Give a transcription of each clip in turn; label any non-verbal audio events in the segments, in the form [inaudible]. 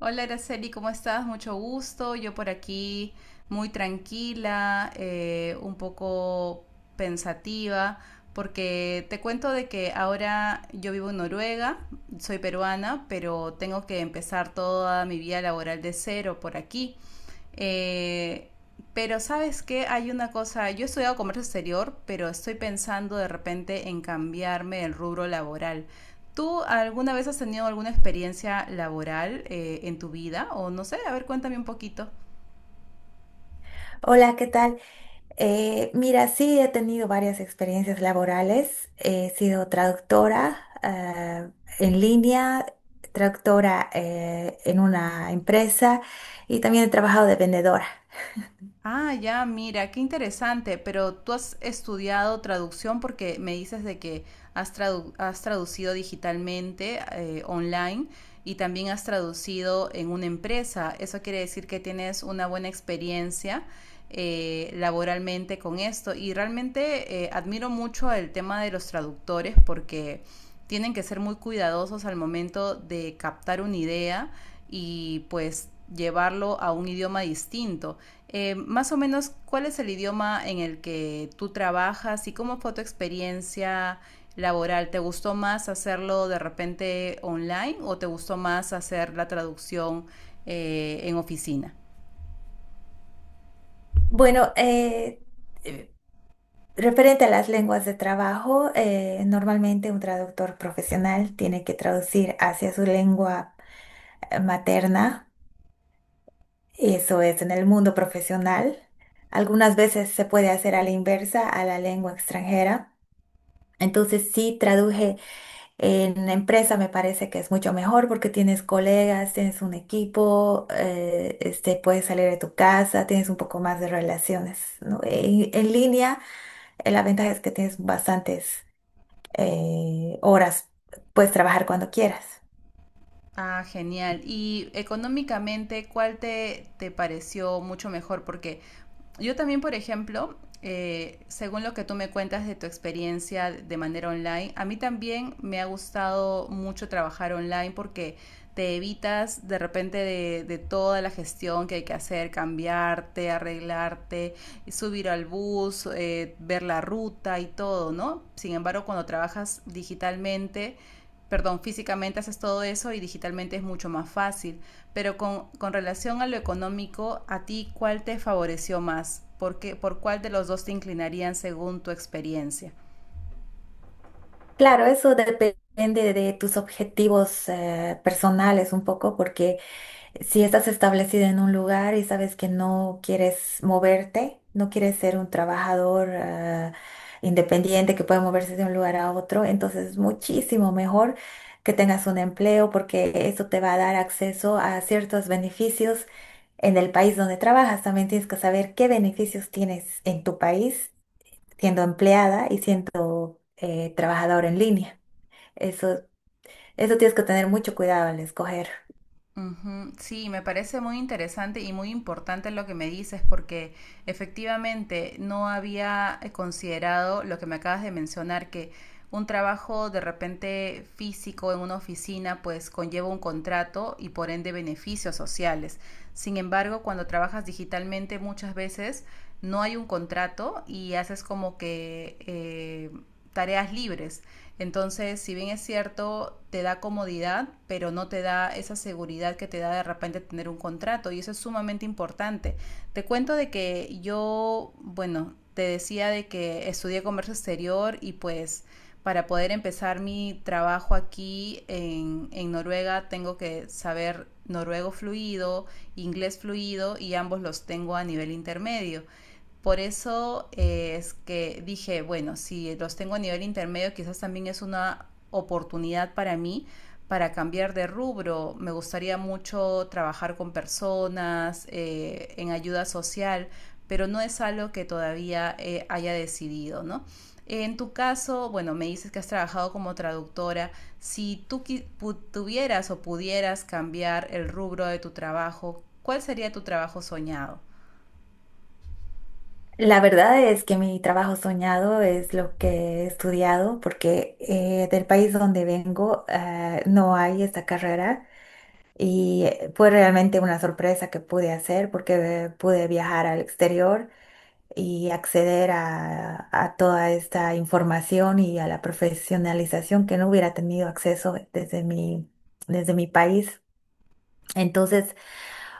Hola, Araceli, ¿cómo estás? Mucho gusto. Yo por aquí muy tranquila, un poco pensativa, porque te cuento de que ahora yo vivo en Noruega, soy peruana, pero tengo que empezar toda mi vida laboral de cero por aquí. Eh, pero sabes que hay una cosa, yo he estudiado comercio exterior, pero estoy pensando de repente en cambiarme el rubro laboral. ¿Tú alguna vez has tenido alguna experiencia laboral en tu vida? O no sé, a ver, cuéntame un poquito. Hola, ¿qué tal? Mira, sí he tenido varias experiencias laborales. He sido traductora eh, en línea, traductora en una empresa y también he trabajado de vendedora. Ah, ya, mira, qué interesante, pero tú has estudiado traducción porque me dices de que has traducido digitalmente, online, y también has traducido en una empresa. Eso quiere decir que tienes una buena experiencia laboralmente con esto. Y realmente admiro mucho el tema de los traductores porque tienen que ser muy cuidadosos al momento de captar una idea y pues llevarlo a un idioma distinto. Más o menos, ¿cuál es el idioma en el que tú trabajas y cómo fue tu experiencia laboral? ¿Te gustó más hacerlo de repente online o te gustó más hacer la traducción en oficina? Bueno, eh, referente a las lenguas de trabajo, normalmente un traductor profesional tiene que traducir hacia su lengua materna. Eso es, en el mundo profesional. Algunas veces se puede hacer a la inversa, a la lengua extranjera. Entonces, sí, traduje en empresa, me parece que es mucho mejor porque tienes colegas, tienes un equipo, puedes salir de tu casa, tienes un poco más de relaciones, ¿no? En línea, la ventaja es que tienes bastantes horas, puedes trabajar cuando quieras. Ah, genial. Y económicamente, ¿cuál te pareció mucho mejor? Porque yo también, por ejemplo, según lo que tú me cuentas de tu experiencia de manera online, a mí también me ha gustado mucho trabajar online porque te evitas de repente de toda la gestión que hay que hacer, cambiarte, arreglarte, subir al bus, ver la ruta y todo, ¿no? Sin embargo, cuando trabajas digitalmente, perdón, físicamente haces todo eso y digitalmente es mucho más fácil. Pero con relación a lo económico, ¿a ti cuál te favoreció más? ¿Por cuál de los dos te inclinarían según tu experiencia? Claro, eso depende de tus objetivos personales un poco porque... Si estás establecida en un lugar y sabes que no quieres moverte, no quieres ser un trabajador independiente que puede moverse de un lugar a otro, entonces es muchísimo mejor que tengas un empleo porque eso te va a dar acceso a ciertos beneficios en el país donde trabajas. También tienes que saber qué beneficios tienes en tu país siendo empleada y siendo trabajador en línea. Eso, eso tienes que tener mucho cuidado al escoger. Ujú. Sí, me parece muy interesante y muy importante lo que me dices porque efectivamente no había considerado lo que me acabas de mencionar, que un trabajo de repente físico en una oficina pues conlleva un contrato y por ende beneficios sociales. Sin embargo, cuando trabajas digitalmente muchas veces no hay un contrato y haces como que tareas libres. Entonces, si bien es cierto, te da comodidad, pero no te da esa seguridad que te da de repente tener un contrato y eso es sumamente importante. Te cuento de que yo, bueno, te decía de que estudié comercio exterior y pues para poder empezar mi trabajo aquí en Noruega tengo que saber noruego fluido, inglés fluido y ambos los tengo a nivel intermedio. Por eso es que dije, bueno, si los tengo a nivel intermedio, quizás también es una oportunidad para mí para cambiar de rubro. Me gustaría mucho trabajar con personas, en ayuda social, pero no es algo que todavía haya decidido, ¿no? En tu caso, bueno, me dices que has trabajado como traductora. Si tú tuvieras o pudieras cambiar el rubro de tu trabajo, ¿cuál sería tu trabajo soñado? La verdad es que mi trabajo soñado es lo que he estudiado porque del país donde vengo no hay esta carrera y fue realmente una sorpresa que pude hacer porque pude viajar al exterior y acceder a toda esta información y a la profesionalización que no hubiera tenido acceso desde mi país. Entonces,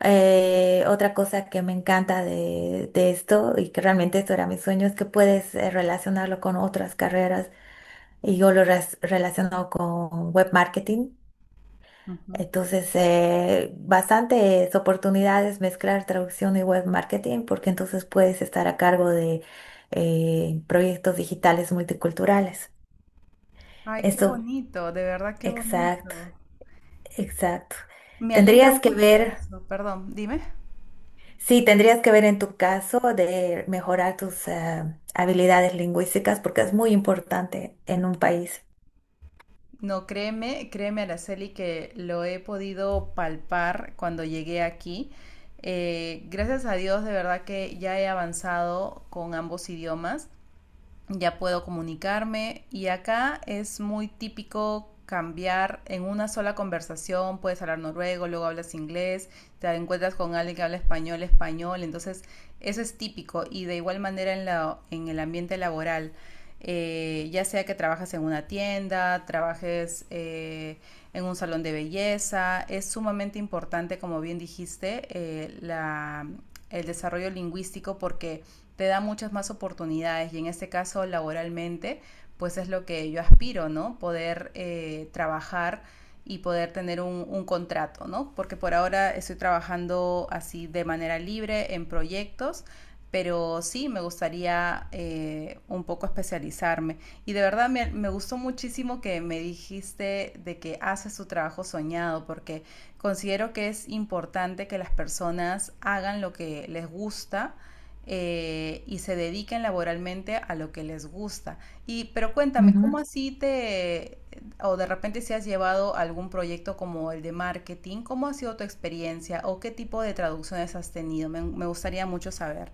otra cosa que me encanta de esto y que realmente esto era mi sueño es que puedes relacionarlo con otras carreras y yo lo relaciono con web marketing. Uh -huh. Entonces, bastantes oportunidades mezclar traducción y web marketing porque entonces puedes estar a cargo de proyectos digitales multiculturales. Ay, qué Eso, bonito, de verdad qué exacto, bonito. exacto. Me alegra Tendrías que mucho ver. eso. Perdón, dime. Sí, tendrías que ver en tu caso de mejorar tus habilidades lingüísticas porque es muy importante en un país. No, créeme, créeme, Araceli, que lo he podido palpar cuando llegué aquí. Gracias a Dios, de verdad que ya he avanzado con ambos idiomas. Ya puedo comunicarme y acá es muy típico cambiar en una sola conversación, puedes hablar noruego, luego hablas inglés, te encuentras con alguien que habla español, español, entonces eso es típico y de igual manera en el ambiente laboral, ya sea que trabajes en una tienda, trabajes en un salón de belleza, es sumamente importante, como bien dijiste, el desarrollo lingüístico porque te da muchas más oportunidades y en este caso laboralmente, pues es lo que yo aspiro, ¿no? Poder trabajar y poder tener un contrato, ¿no? Porque por ahora estoy trabajando así de manera libre en proyectos, pero sí me gustaría un poco especializarme. Y de verdad me gustó muchísimo que me dijiste de que haces tu trabajo soñado, porque considero que es importante que las personas hagan lo que les gusta y se dediquen laboralmente a lo que les gusta. Y, pero cuéntame, Ujú. O de repente si has llevado algún proyecto como el de marketing, ¿cómo ha sido tu experiencia o qué tipo de traducciones has tenido? Me gustaría mucho saber.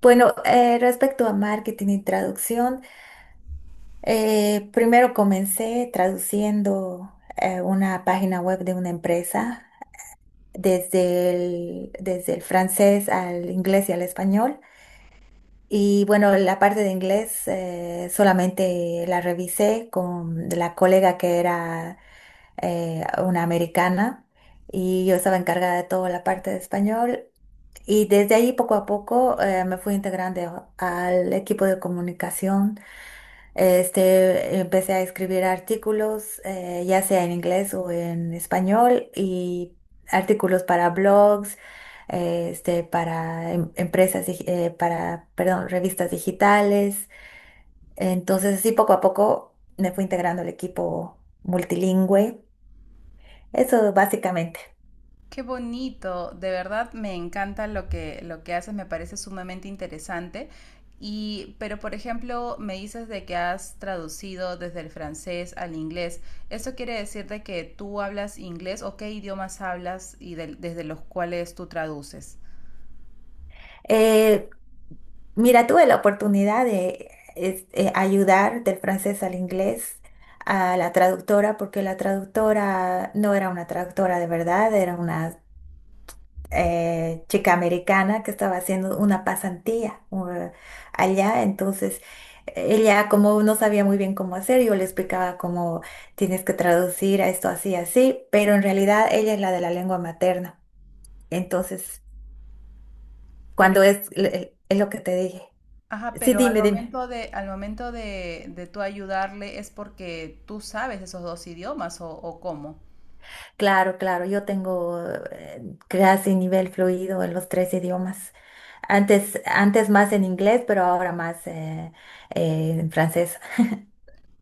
Bueno, respecto a marketing y traducción, primero comencé traduciendo una página web de una empresa desde el francés al inglés y al español. Y bueno, la parte de inglés solamente la revisé con la colega que era una americana, y yo estaba encargada de toda la parte de español. Y desde ahí poco a poco me fui integrando al equipo de comunicación. Este, empecé a escribir artículos, ya sea en inglés o en español, y artículos para blogs, para empresas, para, perdón, revistas digitales. Entonces, así poco a poco me fui integrando al equipo multilingüe. Eso básicamente. Qué bonito, de verdad me encanta lo que haces, me parece sumamente interesante. Y, pero por ejemplo, me dices de que has traducido desde el francés al inglés. ¿Eso quiere decir de que tú hablas inglés o qué idiomas hablas y desde los cuales tú traduces? Eh, Mira, tuve la oportunidad de ayudar del francés al inglés a la traductora, porque la traductora no era una traductora de verdad, era una chica americana que estaba haciendo una pasantía allá. Entonces, ella como no sabía muy bien cómo hacer, yo le explicaba cómo tienes que traducir a esto así, así, pero en realidad ella es la de la lengua materna. Entonces, Pero, cuando es lo que te dije. ajá, Sí, pero al dime, dime. momento al momento de tú ayudarle es porque tú sabes esos dos idiomas o cómo. Claro, claro, yo tengo eh, casi nivel fluido en los tres idiomas. Antes más en inglés, pero ahora más en francés.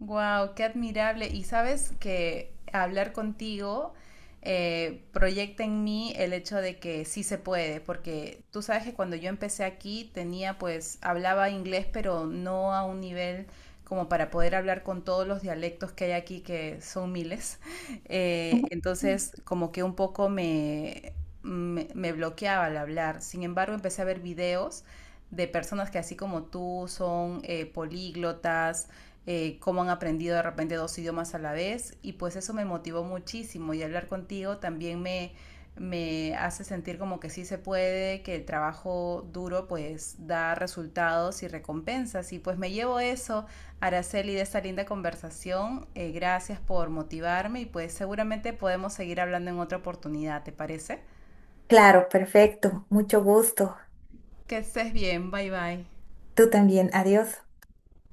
Wow, qué admirable. Y sabes que hablar contigo proyecta en mí el hecho de que sí se puede, porque tú sabes que cuando yo empecé aquí tenía, pues, hablaba inglés, pero no a un nivel como para poder hablar con todos los dialectos que hay aquí, que son miles. [laughs] Entonces, como que un poco me bloqueaba al hablar. Sin embargo, empecé a ver videos de personas que así como tú son políglotas cómo han aprendido de repente dos idiomas a la vez y pues eso me motivó muchísimo y hablar contigo también me hace sentir como que sí se puede, que el trabajo duro pues da resultados y recompensas. Y pues me llevo eso, Araceli, de esta linda conversación. Gracias por motivarme y pues seguramente podemos seguir hablando en otra oportunidad, ¿te parece? Claro, perfecto. Mucho gusto. Que estés bien, bye bye. Tú también. Adiós.